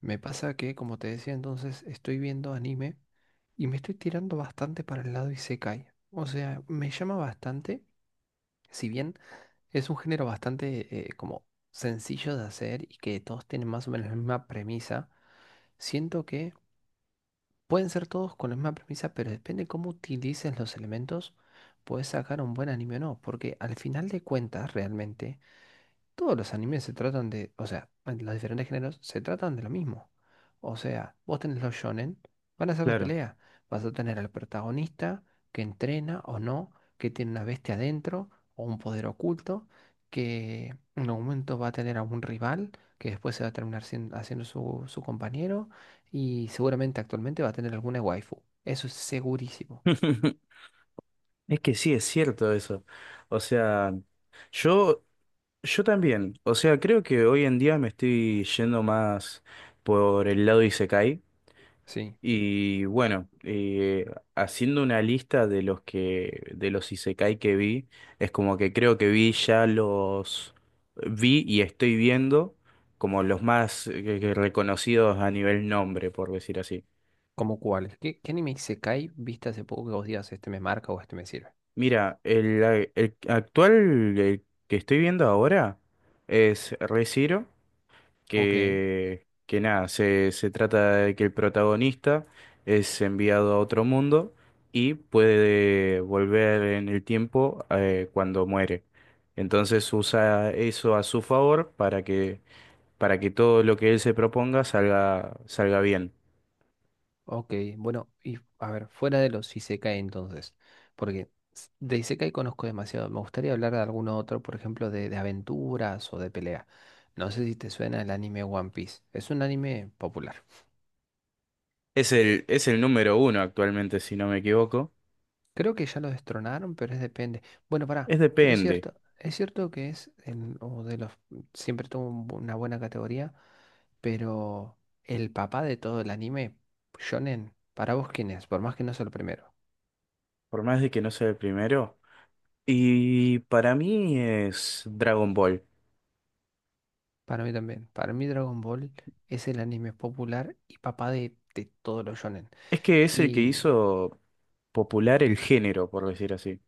Me pasa que, como te decía entonces, estoy viendo anime y me estoy tirando bastante para el lado isekai. O sea, me llama bastante, si bien es un género bastante como sencillo de hacer y que todos tienen más o menos la misma premisa, siento que pueden ser todos con la misma premisa, pero depende cómo utilices los elementos, puedes sacar un buen anime o no, porque al final de cuentas realmente todos los animes se tratan de, o sea, en los diferentes géneros se tratan de lo mismo. O sea, vos tenés los shonen, van a ser de Claro. pelea. Vas a tener al protagonista que entrena o no, que tiene una bestia adentro o un poder oculto, que en algún momento va a tener a un rival que después se va a terminar haciendo su compañero y seguramente actualmente va a tener alguna waifu. Eso es segurísimo. Es que sí, es cierto eso. O sea, yo, yo también. O sea, creo que hoy en día me estoy yendo más por el lado Isekai. Sí. Y bueno, haciendo una lista de los Isekai que vi, es como que creo que vi ya los vi y estoy viendo como los más reconocidos a nivel nombre, por decir así. ¿Como cuáles? ¿Qué anime isekai viste hace poco que vos digas este me marca o este me sirve? Mira, el actual el que estoy viendo ahora es Re:Zero, Ok. que nada, se trata de que el protagonista es enviado a otro mundo y puede volver en el tiempo cuando muere. Entonces usa eso a su favor para que todo lo que él se proponga salga bien. Ok, bueno, y a ver, fuera de los isekai entonces, porque de isekai conozco demasiado, me gustaría hablar de alguno otro, por ejemplo, de aventuras o de pelea. No sé si te suena el anime One Piece, es un anime popular. Es el número uno actualmente, si no me equivoco. Creo que ya lo destronaron, pero es depende. Bueno, pará, Es pero depende, es cierto que es el, o de los, siempre tuvo un una buena categoría, pero el papá de todo el anime, shonen, para vos quién es, por más que no sea el primero. por más de que no sea el primero. Y para mí es Dragon Ball. Para mí también. Para mí Dragon Ball es el anime popular y papá de todos los shonen. Es que es el que Y hizo popular el género, por decir así.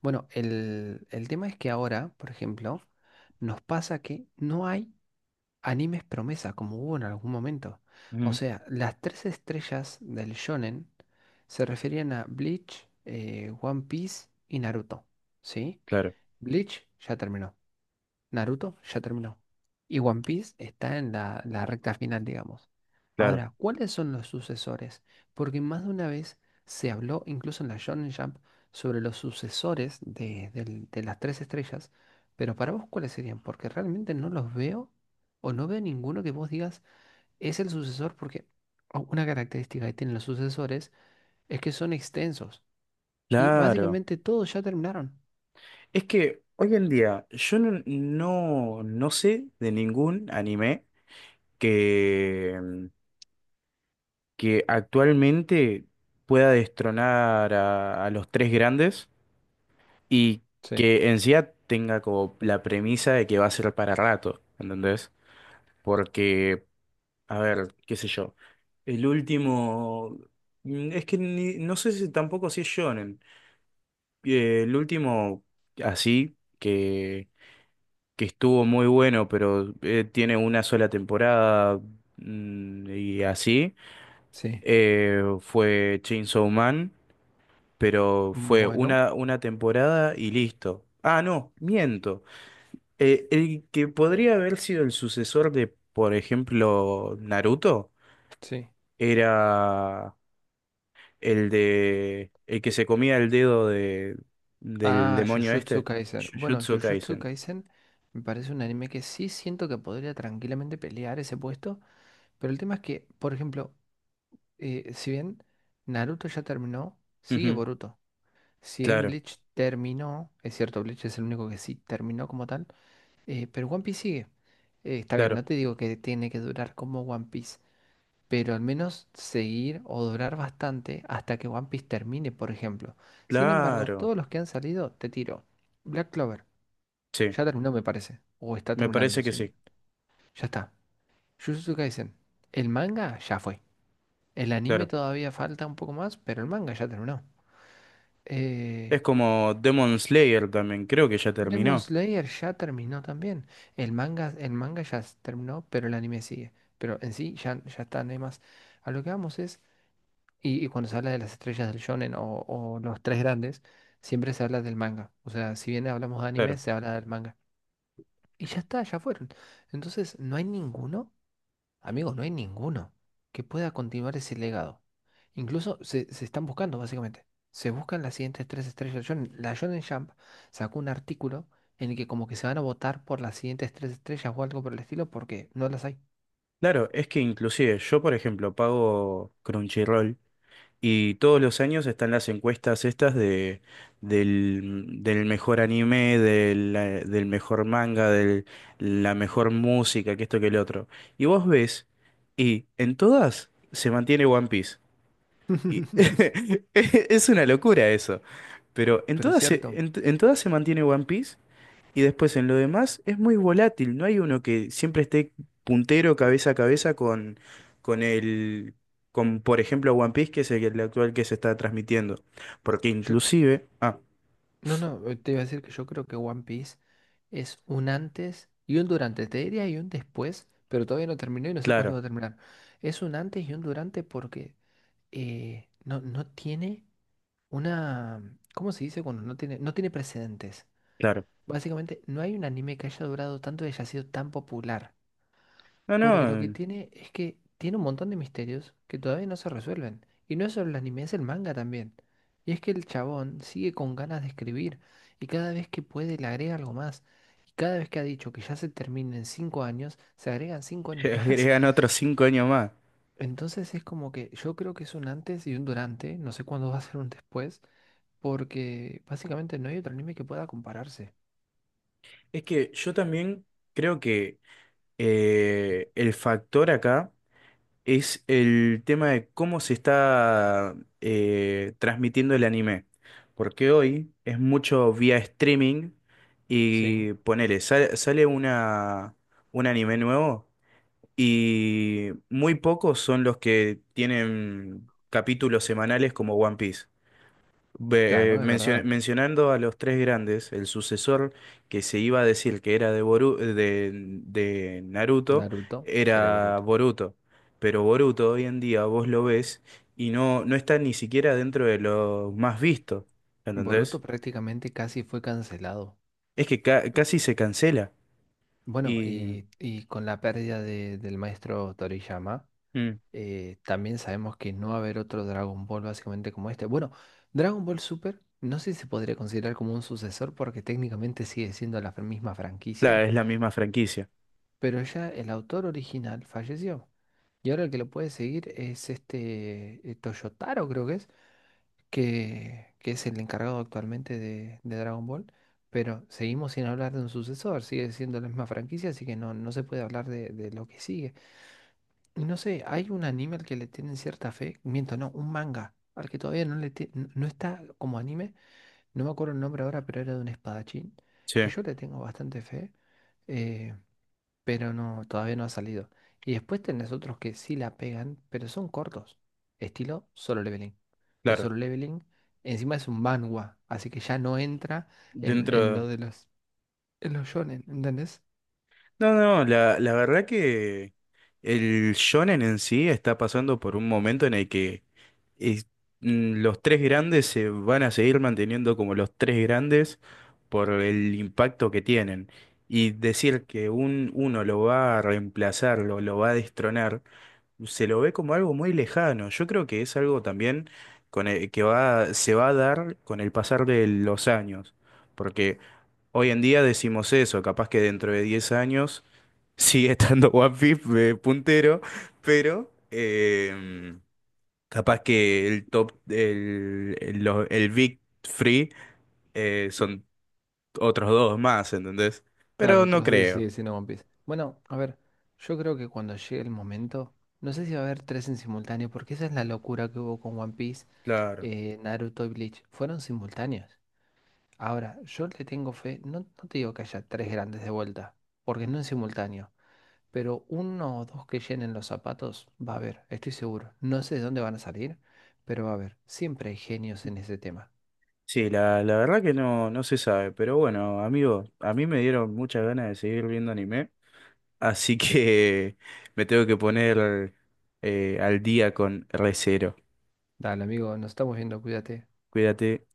bueno, el tema es que ahora, por ejemplo, nos pasa que no hay animes promesa como hubo en algún momento. O Ujú. sea, las tres estrellas del shonen se referían a Bleach, One Piece y Naruto. ¿Sí? Claro, Bleach ya terminó. Naruto ya terminó. Y One Piece está en la recta final, digamos. claro, Ahora, ¿cuáles son los sucesores? Porque más de una vez se habló, incluso en la Shonen Jump, sobre los sucesores de las tres estrellas. Pero para vos, ¿cuáles serían? Porque realmente no los veo o no veo ninguno que vos digas es el sucesor porque una característica que tienen los sucesores es que son extensos. Y claro. básicamente todos ya terminaron. Es que hoy en día yo no sé de ningún anime que, mm, que actualmente pueda destronar a los tres grandes y Sí, que en sí ya tenga como la premisa de que va a ser para rato, ¿entendés? Porque A ver, qué sé yo. El último. Es que no sé si tampoco si es shonen. El último, así, que estuvo muy bueno, pero tiene una sola temporada y así, sí, fue Chainsaw Man, pero fue bueno, una temporada y listo. Ah, no, miento. El que podría haber sido el sucesor de, por ejemplo, Naruto, sí. era. El de. El que se comía el dedo de, del Ah, demonio Jujutsu este. Kaisen. Bueno, Jujutsu Jujutsu Kaisen. Kaisen me parece un anime que sí siento que podría tranquilamente pelear ese puesto, pero el tema es que, por ejemplo, si bien Naruto ya terminó, sigue Ujú. Boruto. Si bien Claro, Bleach terminó, es cierto, Bleach es el único que sí terminó como tal, pero One Piece sigue. Está bien, claro, no te digo que tiene que durar como One Piece, pero al menos seguir o durar bastante hasta que One Piece termine, por ejemplo. Sin embargo, claro. todos los que han salido, te tiro. Black Clover. Sí, Ya terminó, me parece. O está me terminando, parece que sin... sí, Ya está. Jujutsu Kaisen. El manga ya fue. El anime claro. todavía falta un poco más, pero el manga ya terminó. Eh, Es como Demon Slayer también, creo que ya Demon terminó. Slayer ya terminó también. El manga ya terminó, pero el anime sigue. Pero en sí ya, ya está, no hay más. A lo que vamos es, y cuando se habla de las estrellas del shonen o los tres grandes, siempre se habla del manga. O sea, si bien hablamos de anime, Claro, se habla del manga. Y ya está, ya fueron. Entonces, no hay ninguno. Amigos, no hay ninguno que pueda continuar ese legado. Incluso se, se están buscando, básicamente. Se buscan las siguientes tres estrellas. La Shonen Jump sacó un artículo en el que como que se van a votar por las siguientes tres estrellas o algo por el estilo porque no las hay. claro, es que inclusive yo, por ejemplo, pago Crunchyroll. Y todos los años están las encuestas estas del mejor anime, del mejor manga, de la mejor música, que esto que el otro. Y vos ves, y en todas se mantiene One Piece. Y es una locura eso. Pero Pero es cierto. En todas se mantiene One Piece y después en lo demás es muy volátil, no hay uno que siempre esté puntero cabeza a cabeza con el, con por ejemplo One Piece, que es el actual que se está transmitiendo. Porque Yo, inclusive, no, no, te iba a decir que yo creo que One Piece es un antes y un durante. Te diría y un después, pero todavía no terminó y no sé cuándo claro, va a terminar. Es un antes y un durante porque no, no tiene. Una, ¿cómo se dice cuando no tiene, no tiene precedentes? claro. Básicamente, no hay un anime que haya durado tanto y haya sido tan popular. No, Porque lo que no, tiene es que tiene un montón de misterios que todavía no se resuelven. Y no es solo el anime, es el manga también. Y es que el chabón sigue con ganas de escribir y cada vez que puede le agrega algo más. Y cada vez que ha dicho que ya se termina en 5 años, se agregan cinco años más. agregan otros 5 años más. Entonces es como que yo creo que es un antes y un durante, no sé cuándo va a ser un después porque básicamente no hay otro anime que pueda compararse. Es que yo también creo que el factor acá es el tema de cómo se está transmitiendo el anime. Porque hoy es mucho vía streaming Sí, y ponele, sale un anime nuevo y muy pocos son los que tienen capítulos semanales como One Piece. Claro, es verdad. Mencionando a los tres grandes, el sucesor que se iba a decir que era de Naruto Naruto sería era Boruto. Boruto, pero Boruto hoy en día vos lo ves y no está ni siquiera dentro de lo más visto, ¿entendés? Boruto prácticamente casi fue cancelado. Es que Eh, casi se cancela Bueno, y y con la pérdida del maestro Toriyama, mm, también sabemos que no va a haber otro Dragon Ball básicamente como este. Bueno, Dragon Ball Super no sé si se podría considerar como un sucesor porque técnicamente sigue siendo la misma franquicia. claro, es la misma franquicia, Pero ya el autor original falleció. Y ahora el que lo puede seguir es este Toyotaro, creo que es, que es el encargado actualmente de Dragon Ball. Pero seguimos sin hablar de un sucesor, sigue siendo la misma franquicia, así que no, no se puede hablar de lo que sigue. Y no sé, hay un anime al que le tienen cierta fe, miento, no, un manga, al que todavía no no está como anime, no me acuerdo el nombre ahora, pero era de un espadachín, sí, que yo le tengo bastante fe. Eh, pero no, todavía no ha salido. Y después tenés otros que sí la pegan, pero son cortos. Estilo Solo Leveling. Que claro, Solo Leveling encima es un manhwa, así que ya no entra en dentro... lo de los, en los shonen, ¿entendés? No, no, la verdad que. El shonen en sí está pasando por un momento en el que es- los tres grandes se van a seguir manteniendo como los tres grandes por el impacto que tienen. Y decir que uno lo va a reemplazar, lo va a destronar, se lo ve como algo muy lejano. Yo creo que es algo también con el- que va, se va a dar con el pasar de los años. Porque hoy en día decimos eso, capaz que dentro de 10 años sigue estando One Piece puntero, pero capaz que el top, el, lo- el Big Free son otros dos más, ¿entendés? Claro, Pero no otros dos creo, sí, sí, no One Piece. Bueno, a ver, yo creo que cuando llegue el momento, no sé si va a haber tres en simultáneo, porque esa es la locura que hubo con One Piece, claro. Naruto y Bleach. Fueron simultáneos. Ahora, yo le tengo fe, no, no te digo que haya tres grandes de vuelta, porque no en simultáneo. Pero uno o dos que llenen los zapatos va a haber, estoy seguro. No sé de dónde van a salir, pero va a haber. Siempre hay genios en ese tema. Sí, la verdad que no se sabe, pero bueno, amigo, a mí me dieron muchas ganas de seguir viendo anime, así que me tengo que poner al día con Re:Zero. Dale, amigo, nos estamos viendo, cuídate. Cuídate.